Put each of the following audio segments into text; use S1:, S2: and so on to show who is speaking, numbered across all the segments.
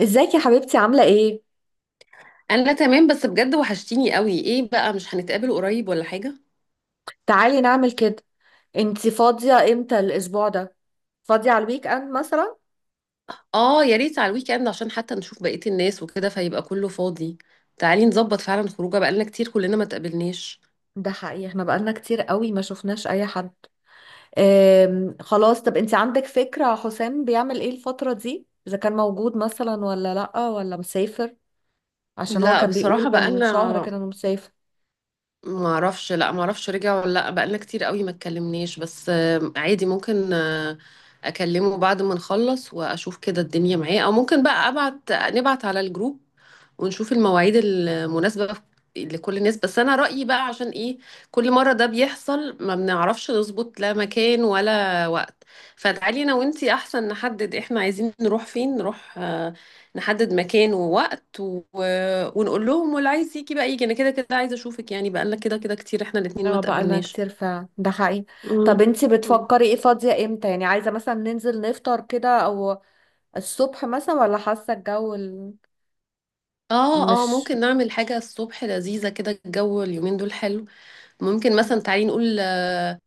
S1: ازيك يا حبيبتي؟ عاملة ايه؟
S2: انا تمام، بس بجد وحشتيني قوي. ايه بقى، مش هنتقابل قريب ولا حاجة؟
S1: تعالي نعمل كده. انتي فاضية امتى الاسبوع ده؟ فاضية على الويك اند مثلا؟
S2: اه يا ريت على الويك اند عشان حتى نشوف بقية الناس وكده، فيبقى كله فاضي. تعالي نظبط فعلا خروجه، بقالنا كتير كلنا ما تقابلناش.
S1: ده حقيقي احنا بقالنا كتير قوي ما شفناش اي حد. خلاص، طب انتي عندك فكرة حسام بيعمل ايه الفترة دي؟ اذا كان موجود مثلا ولا لأ ولا مسافر؟ عشان هو
S2: لا
S1: كان بيقول
S2: بصراحة
S1: من شهر
S2: بقالنا،
S1: كده انه مسافر.
S2: ما اعرفش رجع ولا لا، بقالنا كتير قوي ما اتكلمناش، بس عادي، ممكن اكلمه بعد ما نخلص واشوف كده الدنيا معاه، او ممكن بقى نبعت على الجروب ونشوف المواعيد المناسبة لكل الناس. بس انا رأيي بقى، عشان ايه كل مرة ده بيحصل ما بنعرفش نظبط لا مكان ولا وقت، فتعالي انا وانتي احسن نحدد احنا عايزين نروح فين، نروح نحدد مكان ووقت و ونقول لهم، واللي عايز يجي بقى يجي، انا كده كده عايزه اشوفك يعني، بقالنا كده كده كتير احنا الاتنين ما
S1: اه بقالنا
S2: تقابلناش.
S1: كتير فعلا، ده حقيقي. طب
S2: مم.
S1: انتي
S2: مم.
S1: بتفكري ايه، فاضية امتى؟ يعني عايزة مثلا ننزل نفطر كده او الصبح مثلا، ولا حاسة الجو
S2: اه اه،
S1: مش؟
S2: ممكن نعمل حاجة الصبح لذيذة كده، الجو اليومين دول حلو. ممكن مثلا،
S1: مم.
S2: تعالي نقول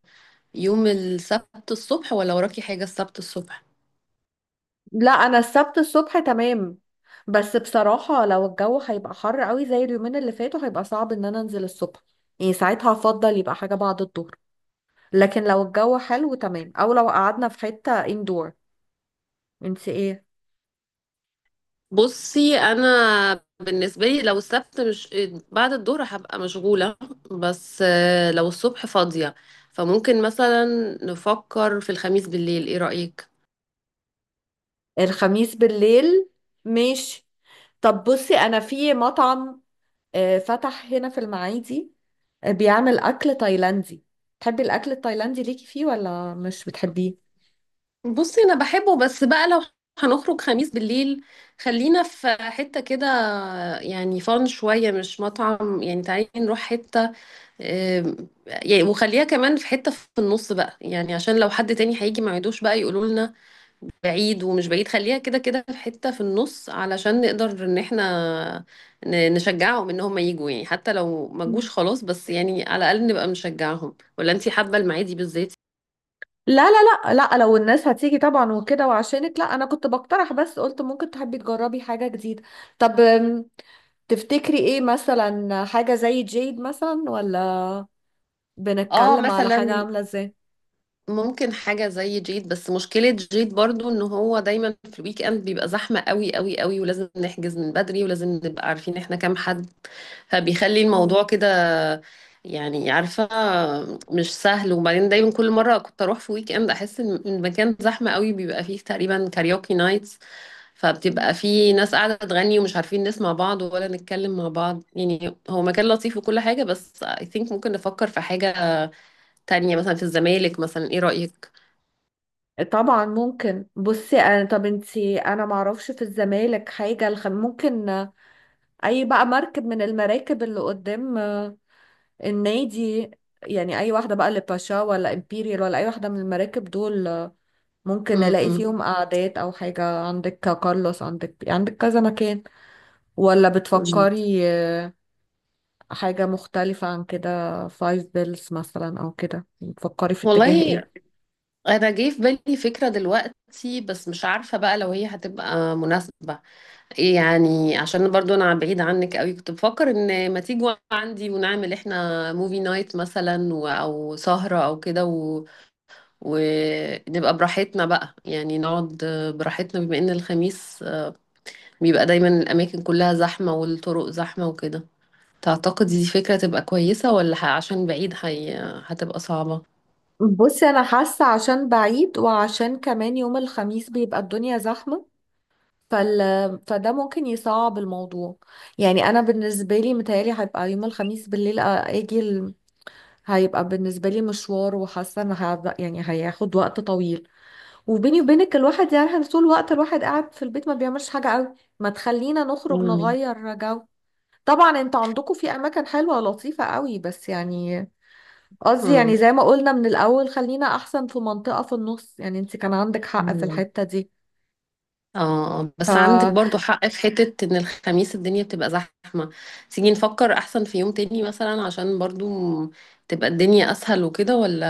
S2: يوم السبت الصبح، ولا وراكي حاجة السبت الصبح؟
S1: لا انا السبت الصبح تمام. بس بصراحة لو الجو هيبقى حر قوي زي اليومين اللي فاتوا هيبقى صعب ان انا انزل الصبح. يعني ساعتها هفضل يبقى حاجة بعد الظهر. لكن لو الجو حلو تمام او لو قعدنا في حتة اندور. انت ايه؟
S2: بصي، انا بالنسبة لي لو السبت، مش بعد الظهر هبقى مشغولة، بس لو الصبح فاضية فممكن مثلا نفكر في الخميس بالليل. ايه رأيك؟
S1: الخميس بالليل، ماشي. طب بصي، انا في مطعم فتح هنا في المعادي، بيعمل اكل تايلاندي. تحبي الاكل التايلاندي ليكي فيه ولا مش بتحبيه؟
S2: بصي انا بحبه، بس بقى لو هنخرج خميس بالليل خلينا في حتة كده، يعني فان شوية مش مطعم، يعني تعالي نروح حتة، آم، يعني وخليها كمان في حتة في النص بقى، يعني عشان لو حد تاني هيجي ما يعيدوش بقى يقولوا لنا بعيد ومش بعيد، خليها كده كده في حتة في النص علشان نقدر ان احنا نشجعهم ان هم يجوا يعني، حتى لو ما جوش خلاص بس يعني على الاقل نبقى نشجعهم. ولا انتي حابة المعادي بالذات؟
S1: لا لا، لا لا لو الناس هتيجي طبعا وكده وعشانك، لا انا كنت بقترح بس قلت ممكن تحبي تجربي حاجة جديدة. طب تفتكري ايه مثلا؟ حاجة زي جيد مثلا، ولا
S2: اه
S1: بنتكلم على حاجة
S2: مثلا.
S1: عاملة ازاي؟
S2: ممكن حاجة زي جيد، بس مشكلة جيد برضو ان هو دايما في الويك اند بيبقى زحمة قوي قوي قوي، ولازم نحجز من بدري، ولازم نبقى عارفين احنا كام حد، فبيخلي الموضوع
S1: مم.
S2: كده يعني، عارفة، مش سهل. وبعدين دايما كل مرة كنت اروح في ويك اند احس ان المكان زحمة قوي، بيبقى فيه تقريبا كاريوكي نايتس،
S1: مم.
S2: فبتبقى فيه ناس قاعدة تغني ومش عارفين نسمع بعض ولا نتكلم مع بعض، يعني هو مكان لطيف وكل حاجة، بس I think ممكن نفكر في حاجة تانية مثلا في الزمالك مثلا. ايه رأيك؟
S1: طبعا ممكن. بصي انا، طب انتي، انا معرفش في الزمالك حاجة. ممكن اي بقى مركب من المراكب اللي قدام النادي، يعني اي واحدة بقى، اللي باشا ولا امبيريال ولا اي واحدة من المراكب دول. ممكن نلاقي
S2: مم.
S1: فيهم قعدات او حاجة، عندك كارلوس، عندك كذا مكان. ولا
S2: مم.
S1: بتفكري حاجة مختلفة عن كده؟ فايف بيلز مثلا او كده؟ بتفكري في اتجاه
S2: والله
S1: ايه؟
S2: انا جه في بالي فكره دلوقتي، بس مش عارفه بقى لو هي هتبقى مناسبه ايه يعني. عشان برضو انا بعيد عنك قوي، كنت بفكر ان ما تيجوا عندي، ونعمل احنا موفي نايت مثلا و او سهره او كده و ونبقى براحتنا بقى يعني، نقعد براحتنا، بما ان الخميس بيبقى دايما الاماكن كلها زحمه والطرق زحمه وكده. تعتقد دي فكره تبقى كويسه، ولا عشان بعيد هي هتبقى صعبه؟
S1: بصي انا حاسة عشان بعيد وعشان كمان يوم الخميس بيبقى الدنيا زحمة، فال... فده ممكن يصعب الموضوع. يعني انا بالنسبة لي متهيألي هيبقى يوم الخميس بالليل، اجي هيبقى بالنسبة لي مشوار، وحاسة ان يعني هياخد وقت طويل. وبيني وبينك الواحد يعني طول الوقت الواحد قاعد في البيت ما بيعملش حاجة قوي، ما تخلينا نخرج
S2: مم.
S1: نغير جو. طبعا انت عندكم في اماكن حلوة ولطيفة قوي، بس يعني قصدي يعني
S2: مم.
S1: زي ما قلنا من الاول، خلينا احسن في منطقة في النص، يعني انت كان عندك حق في
S2: مم.
S1: الحتة دي.
S2: اه، بس عندك
S1: فبصي،
S2: برضو حق في حتة ان الخميس الدنيا بتبقى زحمة. تيجي نفكر احسن في يوم تاني مثلا عشان برضو م- تبقى الدنيا اسهل وكده. ولا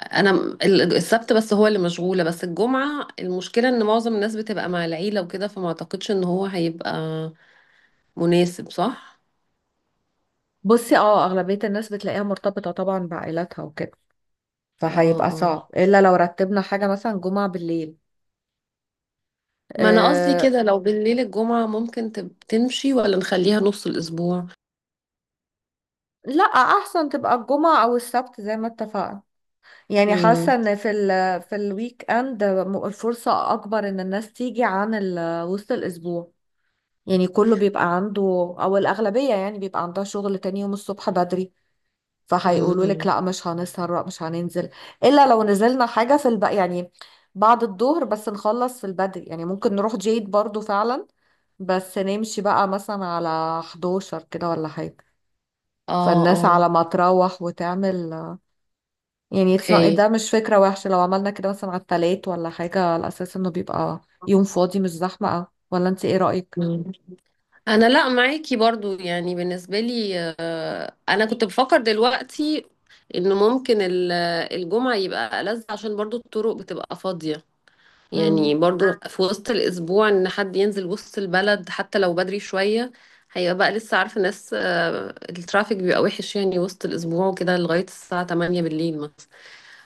S2: انا السبت بس هو اللي مشغولة، بس الجمعة المشكلة ان معظم الناس بتبقى مع العيلة وكده فما اعتقدش ان هو هيبقى مناسب. صح؟
S1: اه اغلبية الناس بتلاقيها مرتبطة طبعا بعائلاتها وكده،
S2: اه
S1: فهيبقى
S2: اه،
S1: صعب الا لو رتبنا حاجة مثلا جمعة بالليل.
S2: ما انا قصدي
S1: أه،
S2: كده لو بالليل الجمعة ممكن تمشي، ولا نخليها نص الاسبوع؟
S1: لا احسن تبقى الجمعة او السبت زي ما اتفقنا. يعني
S2: امم.
S1: حاسة ان في الويك اند الفرصة اكبر ان الناس تيجي عن وسط الاسبوع. يعني كله بيبقى عنده، او الاغلبية يعني بيبقى عندها شغل تاني يوم الصبح بدري، فهيقولوا لك
S2: امم.
S1: لا مش هنسهر، لا مش هننزل. الا لو نزلنا حاجة في يعني بعد الظهر، بس نخلص في البدري. يعني ممكن نروح جيد برضو فعلا، بس نمشي بقى مثلا على 11 كده ولا حاجة،
S2: اه.
S1: فالناس
S2: اه.
S1: على ما تروح وتعمل. يعني it's not-
S2: اوكي،
S1: ده مش فكرة وحشة لو عملنا كده مثلا على التلات ولا حاجة، على أساس إنه بيبقى يوم فاضي مش زحمة أوي. ولا أنت إيه رأيك؟
S2: انا لا معاكي برضو يعني بالنسبه لي، انا كنت بفكر دلوقتي انه ممكن الجمعه يبقى ألذ، عشان برضو الطرق بتبقى فاضيه، يعني
S1: مم.
S2: برضو في وسط الاسبوع ان حد ينزل وسط البلد حتى لو بدري شويه هيبقى بقى لسه، عارفه ناس الترافيك بيبقى وحش يعني وسط الاسبوع وكده لغايه الساعه 8 بالليل مثلا،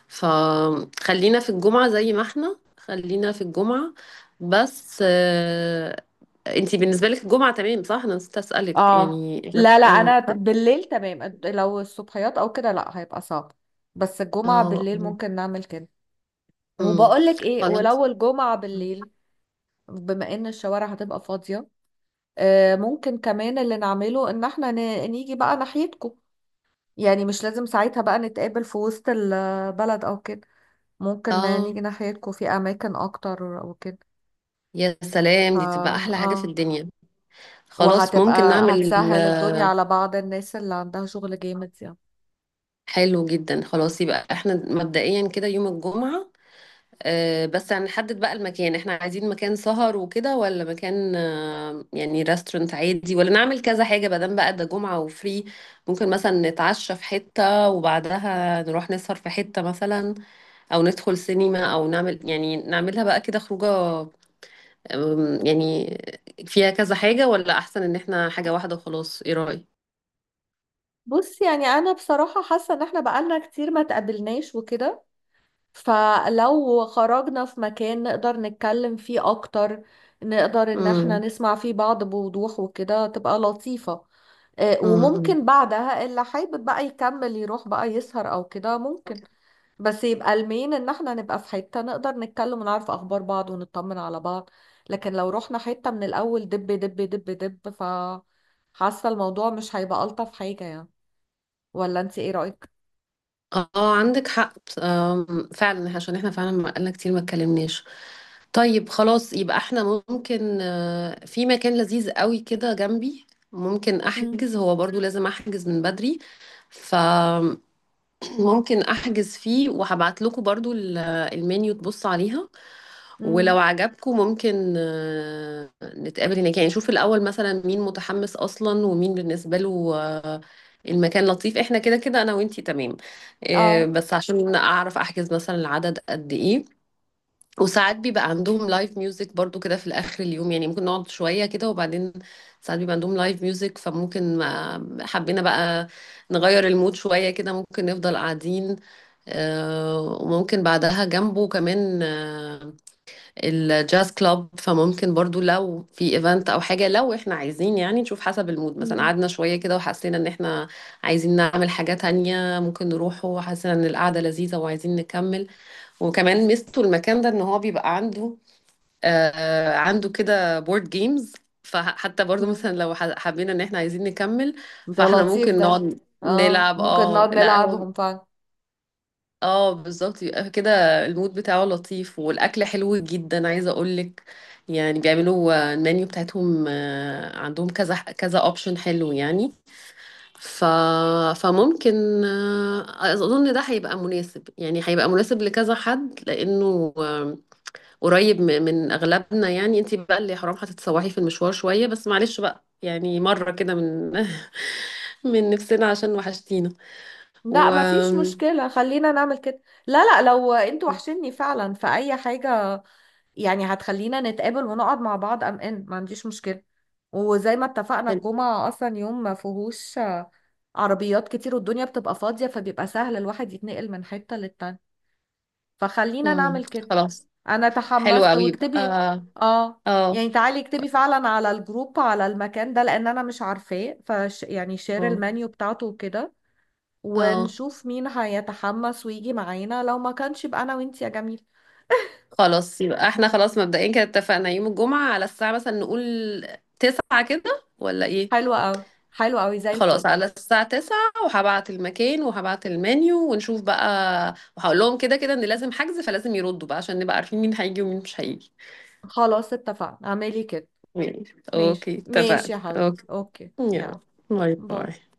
S2: فخلينا في الجمعه زي ما احنا خلينا في الجمعه. بس انتي بالنسبة لك الجمعة تمام، صح؟ انا نسيت اسألك
S1: آه
S2: يعني احنا.
S1: لا لا،
S2: اه.
S1: أنا بالليل تمام. لو الصبحيات أو كده لا، هيبقى صعب. بس الجمعة
S2: اه.
S1: بالليل ممكن نعمل كده.
S2: امم.
S1: وبقولك إيه،
S2: خلاص.
S1: ولو الجمعة بالليل، بما إن الشوارع هتبقى فاضية، آه ممكن كمان اللي نعمله إن إحنا نيجي بقى ناحيتكم. يعني مش لازم ساعتها بقى نتقابل في وسط البلد أو كده، ممكن
S2: اه
S1: نيجي ناحيتكم في اماكن اكتر وكده.
S2: يا
S1: ف
S2: سلام، دي تبقى احلى حاجة في
S1: اه،
S2: الدنيا. خلاص
S1: وهتبقى
S2: ممكن نعمل.
S1: هتسهل الدنيا على بعض الناس اللي عندها شغل جامد يعني.
S2: حلو جدا، خلاص يبقى احنا مبدئيا كده يوم الجمعة. بس هنحدد بقى المكان، احنا عايزين مكان سهر وكده، ولا مكان يعني ريستورانت عادي، ولا نعمل كذا حاجة بدل بقى ده جمعة وفري، ممكن مثلا نتعشى في حتة وبعدها نروح نسهر في حتة مثلا، او ندخل سينما، او نعمل يعني نعملها بقى كده خروجه، يعني فيها كذا حاجة، ولا احسن ان احنا حاجة واحدة وخلاص. ايه رأيك؟
S1: بص، يعني انا بصراحة حاسة ان احنا بقالنا كتير ما تقابلناش وكده، فلو خرجنا في مكان نقدر نتكلم فيه اكتر، نقدر ان احنا
S2: امم.
S1: نسمع فيه بعض بوضوح وكده، تبقى لطيفة.
S2: امم.
S1: وممكن بعدها اللي حابب بقى يكمل يروح بقى يسهر او كده ممكن، بس يبقى المين ان احنا نبقى في حتة نقدر نتكلم ونعرف اخبار بعض ونطمن على بعض. لكن لو رحنا حتة من الاول دب دب دب دب، ف حاسة الموضوع مش هيبقى الطف حاجة يعني. ولا انت ايه رأيك؟
S2: اه، عندك حق. فعلا عشان احنا فعلا بقالنا كتير ما اتكلمناش. طيب خلاص يبقى احنا، ممكن في مكان لذيذ قوي كده جنبي. ممكن
S1: مم.
S2: احجز، هو برضو لازم احجز من بدري، فممكن احجز فيه وهبعت لكم برضو المنيو تبص عليها. ولو
S1: امم
S2: عجبكم ممكن نتقابل هناك، يعني نشوف الأول مثلا مين متحمس أصلا، ومين بالنسبة له المكان لطيف. احنا كده كده أنا وإنتي تمام،
S1: اه
S2: بس عشان أعرف أحجز مثلا العدد قد إيه. وساعات بيبقى عندهم لايف ميوزك برضو كده في الآخر اليوم يعني، ممكن نقعد شوية كده، وبعدين ساعات بيبقى عندهم لايف ميوزك فممكن حبينا بقى نغير المود شوية كده ممكن نفضل قاعدين. وممكن بعدها جنبه كمان الجاز كلاب، فممكن برضو لو في ايفنت او حاجة لو احنا عايزين، يعني نشوف حسب المود، مثلا
S1: مم.
S2: قعدنا شوية كده وحسينا ان احنا عايزين نعمل حاجة تانية ممكن نروحه، وحسينا ان القعدة لذيذة وعايزين نكمل. وكمان ميزته المكان ده ان هو بيبقى عنده كده بورد جيمز، فحتى برضو
S1: مم.
S2: مثلا لو حبينا ان احنا عايزين نكمل
S1: ده
S2: فاحنا
S1: لطيف
S2: ممكن
S1: ده.
S2: نقعد
S1: اه
S2: نلعب.
S1: ممكن
S2: اه
S1: نقعد
S2: لا هو،
S1: نلعبهم فعلا.
S2: اه بالظبط، يبقى كده المود بتاعه لطيف والاكل حلو جدا، عايزه اقولك يعني بيعملوا المنيو بتاعتهم عندهم كذا كذا اوبشن حلو يعني. ف فممكن اظن ده هيبقى مناسب يعني، هيبقى مناسب لكذا حد لانه قريب من اغلبنا، يعني انتي بقى اللي حرام هتتسوحي في المشوار شويه، بس معلش بقى يعني مره كده من من نفسنا عشان وحشتينا.
S1: لا
S2: و،
S1: مفيش مشكلة، خلينا نعمل كده. لا لا، لو انتوا وحشني فعلا في اي حاجة، يعني هتخلينا نتقابل ونقعد مع بعض، ان ما عنديش مشكلة. وزي ما اتفقنا
S2: حلو.
S1: الجمعة اصلا يوم ما فيهوش عربيات كتير والدنيا بتبقى فاضية، فبيبقى سهل الواحد يتنقل من حتة للتانية، فخلينا
S2: مم.
S1: نعمل كده.
S2: خلاص.
S1: انا
S2: حلو
S1: تحمست،
S2: قوي يبقى
S1: واكتبي،
S2: اه.
S1: اه،
S2: اه.
S1: يعني تعالي اكتبي فعلا على الجروب على المكان ده، لان انا مش عارفاه. فش يعني شير
S2: اه.
S1: المنيو بتاعته وكده،
S2: آه.
S1: ونشوف مين هيتحمس ويجي معانا، لو ما كانش يبقى انا وانتي يا جميل.
S2: خلاص يبقى احنا، خلاص مبدئيا كده اتفقنا يوم الجمعة. على الساعة مثلا نقول 9 كده ولا ايه؟
S1: حلوة قوي، حلوة قوي زي
S2: خلاص،
S1: الفل.
S2: على الساعة 9، وهبعت المكان وهبعت المنيو ونشوف بقى، وهقول لهم كده كده ان لازم حجز فلازم يردوا بقى عشان نبقى عارفين مين هيجي ومين مش هيجي.
S1: خلاص اتفقنا، اعملي كده.
S2: ماشي.
S1: ماشي،
S2: اوكي
S1: ماشي
S2: اتفقنا.
S1: يا حبيبتي،
S2: اوكي
S1: اوكي، يلا،
S2: يلا. باي
S1: باي.
S2: باي.